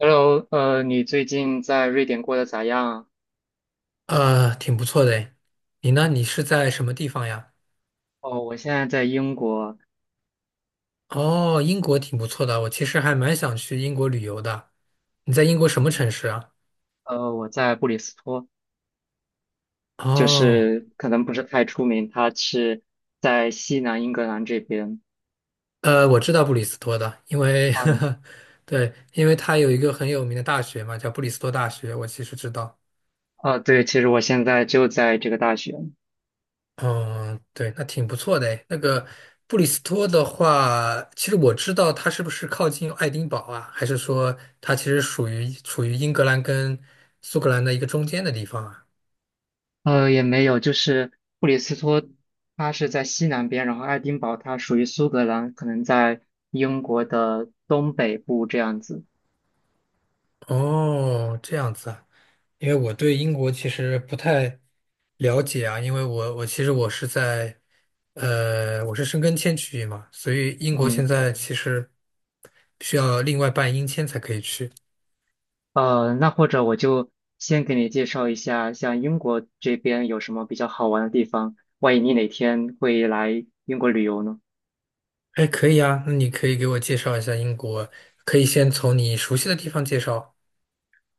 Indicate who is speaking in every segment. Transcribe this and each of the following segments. Speaker 1: Hello，你最近在瑞典过得咋样？
Speaker 2: 挺不错的诶。你呢？你是在什么地方呀？
Speaker 1: 哦，我现在在英国，
Speaker 2: 哦，英国挺不错的，我其实还蛮想去英国旅游的。你在英国什么城市啊？
Speaker 1: 我在布里斯托，就
Speaker 2: 哦，
Speaker 1: 是可能不是太出名，它是在西南英格兰这边。
Speaker 2: 我知道布里斯托的，因为
Speaker 1: 嗯，
Speaker 2: 对，因为它有一个很有名的大学嘛，叫布里斯托大学，我其实知道。
Speaker 1: 哦，对，其实我现在就在这个大学，
Speaker 2: 嗯，对，那挺不错的诶。那个布里斯托的话，其实我知道它是不是靠近爱丁堡啊？还是说它其实属于处于英格兰跟苏格兰的一个中间的地方啊？
Speaker 1: 也没有，就是布里斯托，它是在西南边，然后爱丁堡它属于苏格兰，可能在英国的东北部这样子。
Speaker 2: 哦，这样子啊，因为我对英国其实不太了解啊，因为我其实我是在，我是申根签区域嘛，所以英国现
Speaker 1: 嗯。
Speaker 2: 在其实需要另外办英签才可以去。
Speaker 1: 那或者我就先给你介绍一下，像英国这边有什么比较好玩的地方，万一你哪天会来英国旅游呢？
Speaker 2: 哎，可以啊，那你可以给我介绍一下英国，可以先从你熟悉的地方介绍。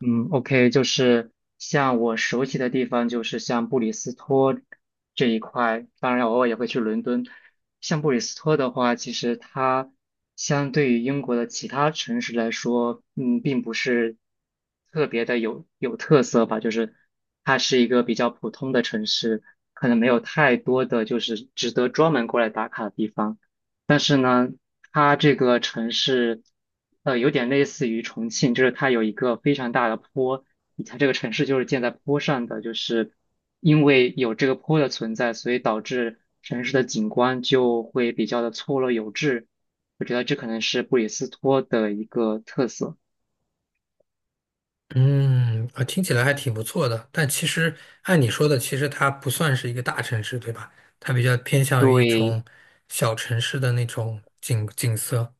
Speaker 1: 嗯，OK，就是像我熟悉的地方，就是像布里斯托这一块，当然偶尔也会去伦敦。像布里斯托的话，其实它相对于英国的其他城市来说，嗯，并不是特别的有特色吧，就是它是一个比较普通的城市，可能没有太多的就是值得专门过来打卡的地方。它这个城市，有点类似于重庆，就是它有一个非常大的坡，它这个城市就是建在坡上的，就是因为有这个坡的存在，所以导致城市的景观就会比较的错落有致。我觉得这可能是布里斯托的一个特色。
Speaker 2: 嗯，啊，听起来还挺不错的，但其实按你说的，其实它不算是一个大城市，对吧？它比较偏向于一
Speaker 1: 对，
Speaker 2: 种小城市的那种景色。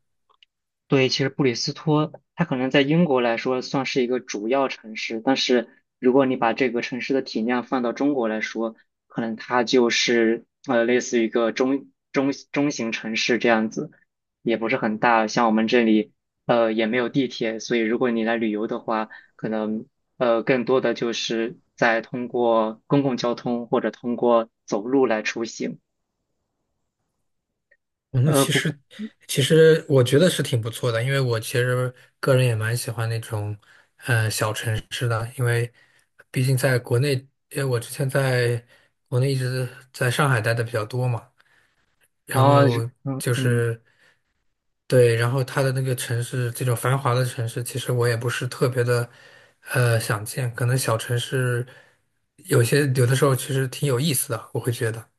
Speaker 1: 对，其实布里斯托它可能在英国来说算是一个主要城市，但是如果你把这个城市的体量放到中国来说，可能它就是类似于一个中型城市这样子，也不是很大。像我们这里也没有地铁，所以如果你来旅游的话，可能更多的就是在通过公共交通或者通过走路来出行。
Speaker 2: 哦那
Speaker 1: 呃
Speaker 2: 其
Speaker 1: 不
Speaker 2: 实，其实我觉得是挺不错的，因为我其实个人也蛮喜欢那种，小城市的，因为毕竟在国内，因为我之前在国内一直在上海待的比较多嘛，然
Speaker 1: 啊
Speaker 2: 后
Speaker 1: 嗯
Speaker 2: 就
Speaker 1: 嗯。
Speaker 2: 是对，然后它的那个城市，这种繁华的城市，其实我也不是特别的，想见，可能小城市有的时候其实挺有意思的，我会觉得。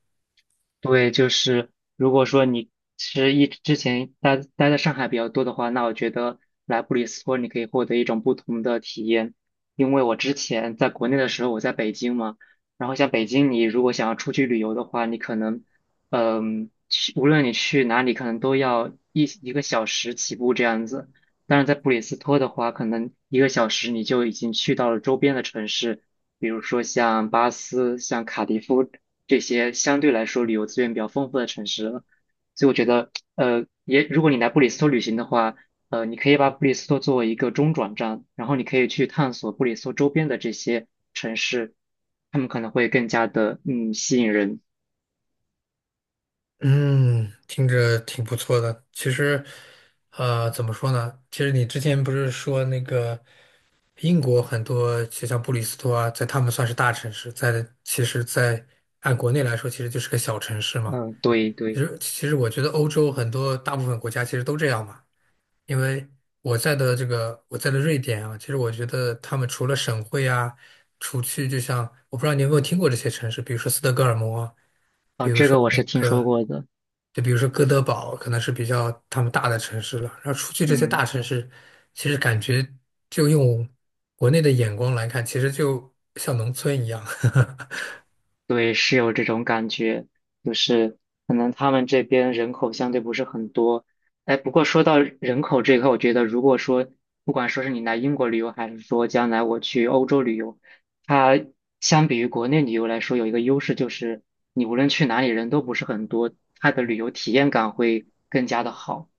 Speaker 1: 对，就是如果说你是之前待在上海比较多的话，那我觉得来布里斯托你可以获得一种不同的体验。因为我之前在国内的时候，我在北京嘛，然后像北京，你如果想要出去旅游的话，你可能，嗯，去无论你去哪里，可能都要一个小时起步这样子。但是在布里斯托的话，可能一个小时你就已经去到了周边的城市，比如说像巴斯、像卡迪夫。这些相对来说旅游资源比较丰富的城市了。所以我觉得，也如果你来布里斯托旅行的话，你可以把布里斯托作为一个中转站，然后你可以去探索布里斯托周边的这些城市，他们可能会更加的吸引人。
Speaker 2: 嗯，听着挺不错的。其实，怎么说呢？其实你之前不是说那个英国很多，就像布里斯托啊，在他们算是大城市，在其实在按国内来说，其实就是个小城市嘛。
Speaker 1: 嗯，对
Speaker 2: 其
Speaker 1: 对，
Speaker 2: 实，其实我觉得欧洲很多大部分国家其实都这样嘛。因为我在的瑞典啊，其实我觉得他们除了省会啊，除去就像我不知道你有没有听过这些城市，比如说斯德哥尔摩啊
Speaker 1: 哦，这个我是听说过的。
Speaker 2: 就比如说哥德堡，可能是比较他们大的城市了。然后出去这些
Speaker 1: 嗯。
Speaker 2: 大城市，其实感觉就用国内的眼光来看，其实就像农村一样。
Speaker 1: 对，是有这种感觉，就是可能他们这边人口相对不是很多。哎，不过说到人口这一块，我觉得如果说不管说是你来英国旅游，还是说将来我去欧洲旅游，它相比于国内旅游来说，有一个优势就是你无论去哪里人都不是很多，它的旅游体验感会更加的好。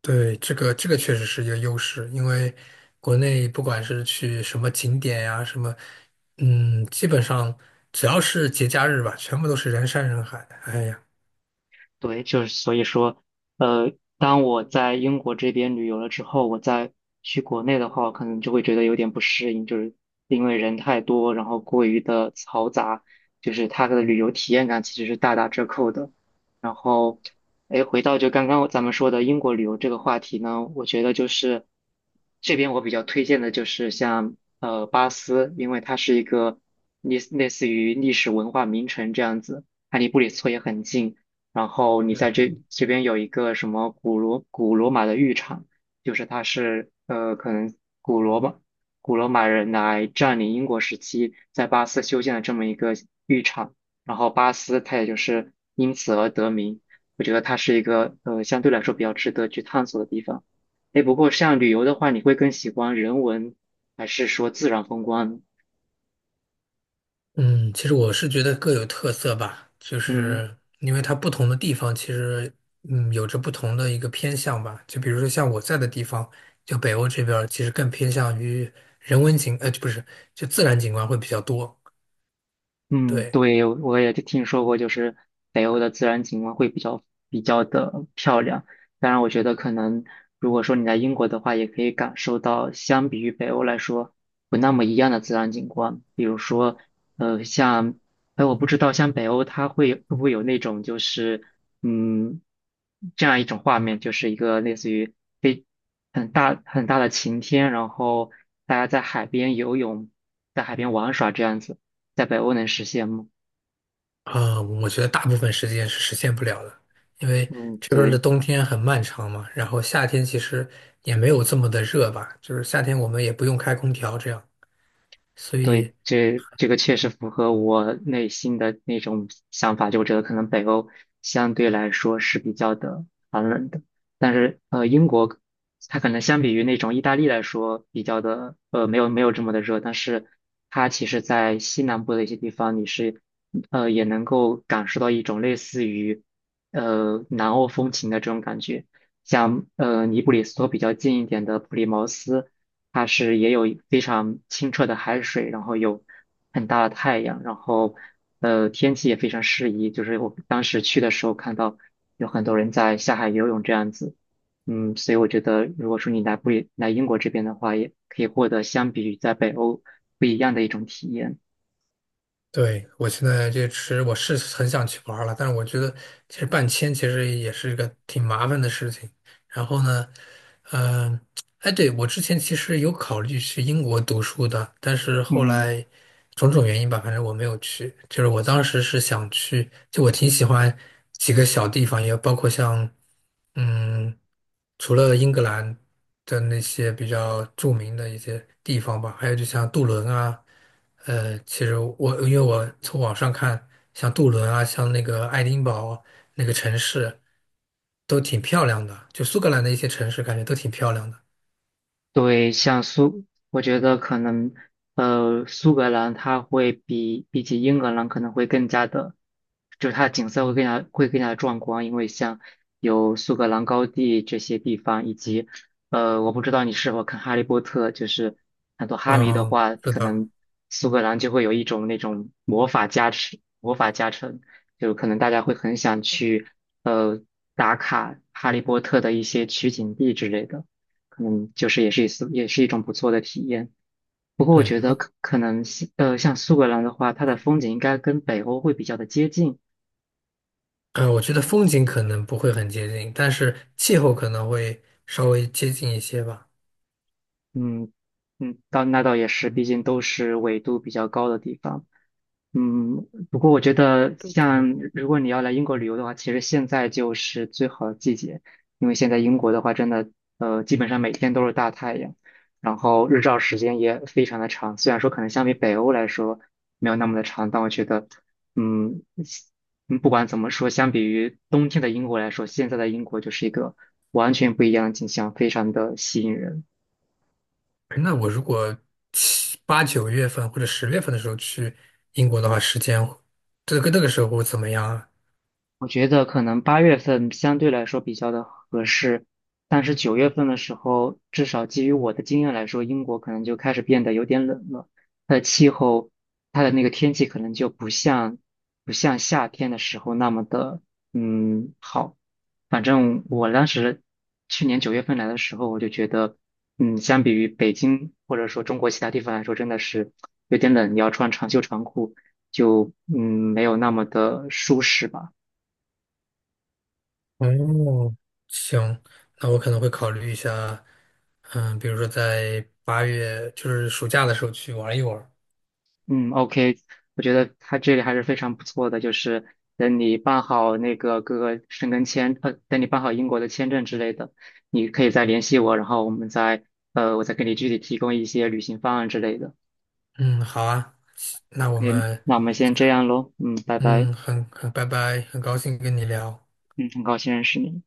Speaker 2: 对，这个确实是一个优势，因为国内不管是去什么景点呀、什么，嗯，基本上只要是节假日吧，全部都是人山人海。哎呀。
Speaker 1: 对，就是所以说，呃，当我在英国这边旅游了之后，我再去国内的话，我可能就会觉得有点不适应，就是因为人太多，然后过于的嘈杂，就是它的旅游体验感其实是大打折扣的。然后，哎，回到就刚刚咱们说的英国旅游这个话题呢，我觉得就是这边我比较推荐的就是像巴斯，因为它是一个类似于历史文化名城这样子，它离布里斯托也很近。然后你在这边有一个什么古罗马的浴场，就是它是可能古罗马古罗马人来占领英国时期在巴斯修建的这么一个浴场，然后巴斯它也就是因此而得名。我觉得它是一个相对来说比较值得去探索的地方。哎，不过像旅游的话，你会更喜欢人文还是说自然风光呢？
Speaker 2: 嗯，其实我是觉得各有特色吧，就
Speaker 1: 嗯。
Speaker 2: 是因为它不同的地方，其实有着不同的一个偏向吧。就比如说像我在的地方，就北欧这边儿其实更偏向于人文景，不是，就自然景观会比较多。
Speaker 1: 嗯，
Speaker 2: 对，
Speaker 1: 对，我也就听说过，就是北欧的自然景观会比较的漂亮。当然，我觉得可能如果说你在英国的话，也可以感受到相比于北欧来说不那么一样的自然景观。比如说，像，哎，我不知道像北欧它会不会有那种就是嗯这样一种画面，就是一个类似于非很大很大的晴天，然后大家在海边游泳，在海边玩耍这样子。在北欧能实现吗？
Speaker 2: 啊，我觉得大部分时间是实现不了的，因为
Speaker 1: 嗯，
Speaker 2: 这边儿的
Speaker 1: 对
Speaker 2: 冬天很漫长嘛，然后夏天其实也没有这么的热吧，就是夏天我们也不用开空调这样。所
Speaker 1: 对，
Speaker 2: 以
Speaker 1: 这个确实符合我内心的那种想法，就我觉得可能北欧相对来说是比较的寒冷的，但是英国它可能相比于那种意大利来说比较的没有这么的热，但是它其实在西南部的一些地方你是也能够感受到一种类似于南欧风情的这种感觉。像布里斯托比较近一点的普利茅斯，它是也有非常清澈的海水，然后有很大的太阳，然后天气也非常适宜。就是我当时去的时候看到有很多人在下海游泳这样子，嗯，所以我觉得如果说你来不来英国这边的话，也可以获得相比于在北欧不一样的一种体验。
Speaker 2: 对，我现在这吃，我是很想去玩儿了，但是我觉得其实办签其实也是一个挺麻烦的事情。然后呢，嗯、哎，对，我之前其实有考虑去英国读书的，但是后
Speaker 1: 嗯，
Speaker 2: 来种种原因吧，反正我没有去。就是我当时是想去，就我挺喜欢几个小地方，也包括像，嗯，除了英格兰的那些比较著名的一些地方吧，还有就像杜伦啊，其实我因为我从网上看，像杜伦啊，像那个爱丁堡那个城市。都挺漂亮的，就苏格兰的一些城市感觉都挺漂亮的。
Speaker 1: 对，像我觉得可能，苏格兰它会比起英格兰可能会更加的，就是它的景色会更加的壮观，因为像有苏格兰高地这些地方，以及，我不知道你是否看《哈利波特》，就是很多哈迷的
Speaker 2: 嗯，
Speaker 1: 话，
Speaker 2: 是
Speaker 1: 可
Speaker 2: 的，
Speaker 1: 能苏格兰就会有一种那种魔法加持，魔法加成，就可能大家会很想去，呃，打卡《哈利波特》的一些取景地之类的。可能就是也是一种不错的体验。不过我
Speaker 2: 对，
Speaker 1: 觉得可能像苏格兰的话，它的风景应该跟北欧会比较的接近，
Speaker 2: 我觉得风景可能不会很接近，但是气候可能会稍微接近一些吧。
Speaker 1: 嗯嗯，倒也是，毕竟都是纬度比较高的地方。嗯，不过我觉得
Speaker 2: 对对，
Speaker 1: 像如果你要来英国旅游的话，其实现在就是最好的季节，因为现在英国的话，真的基本上每天都是大太阳，然后日照时间也非常的长。虽然说可能相比北欧来说没有那么的长，但我觉得嗯不管怎么说，相比于冬天的英国来说，现在的英国就是一个完全不一样的景象，非常的吸引人。
Speaker 2: 那我如果7、8、9月份或者10月份的时候去英国的话，时间这个那个时候会怎么样啊？
Speaker 1: 我觉得可能八月份相对来说比较的合适，但是九月份的时候，至少基于我的经验来说，英国可能就开始变得有点冷了。它的气候，它的那个天气可能就不像夏天的时候那么的好。反正我当时去年九月份来的时候，我就觉得，嗯，相比于北京或者说中国其他地方来说，真的是有点冷，要穿长袖长裤，就嗯没有那么的舒适吧。
Speaker 2: 哦，行，那我可能会考虑一下，嗯，比如说在8月，就是暑假的时候去玩一玩。
Speaker 1: 嗯，OK，我觉得他这里还是非常不错的，就是等你办好那个各个申根签，等你办好英国的签证之类的，你可以再联系我，然后我们再，我再给你具体提供一些旅行方案之类的。
Speaker 2: 嗯，好啊，那我
Speaker 1: OK，
Speaker 2: 们。
Speaker 1: 那我们先这样喽，嗯，拜拜，
Speaker 2: 嗯，很拜拜，很高兴跟你聊。
Speaker 1: 嗯，很高兴认识你。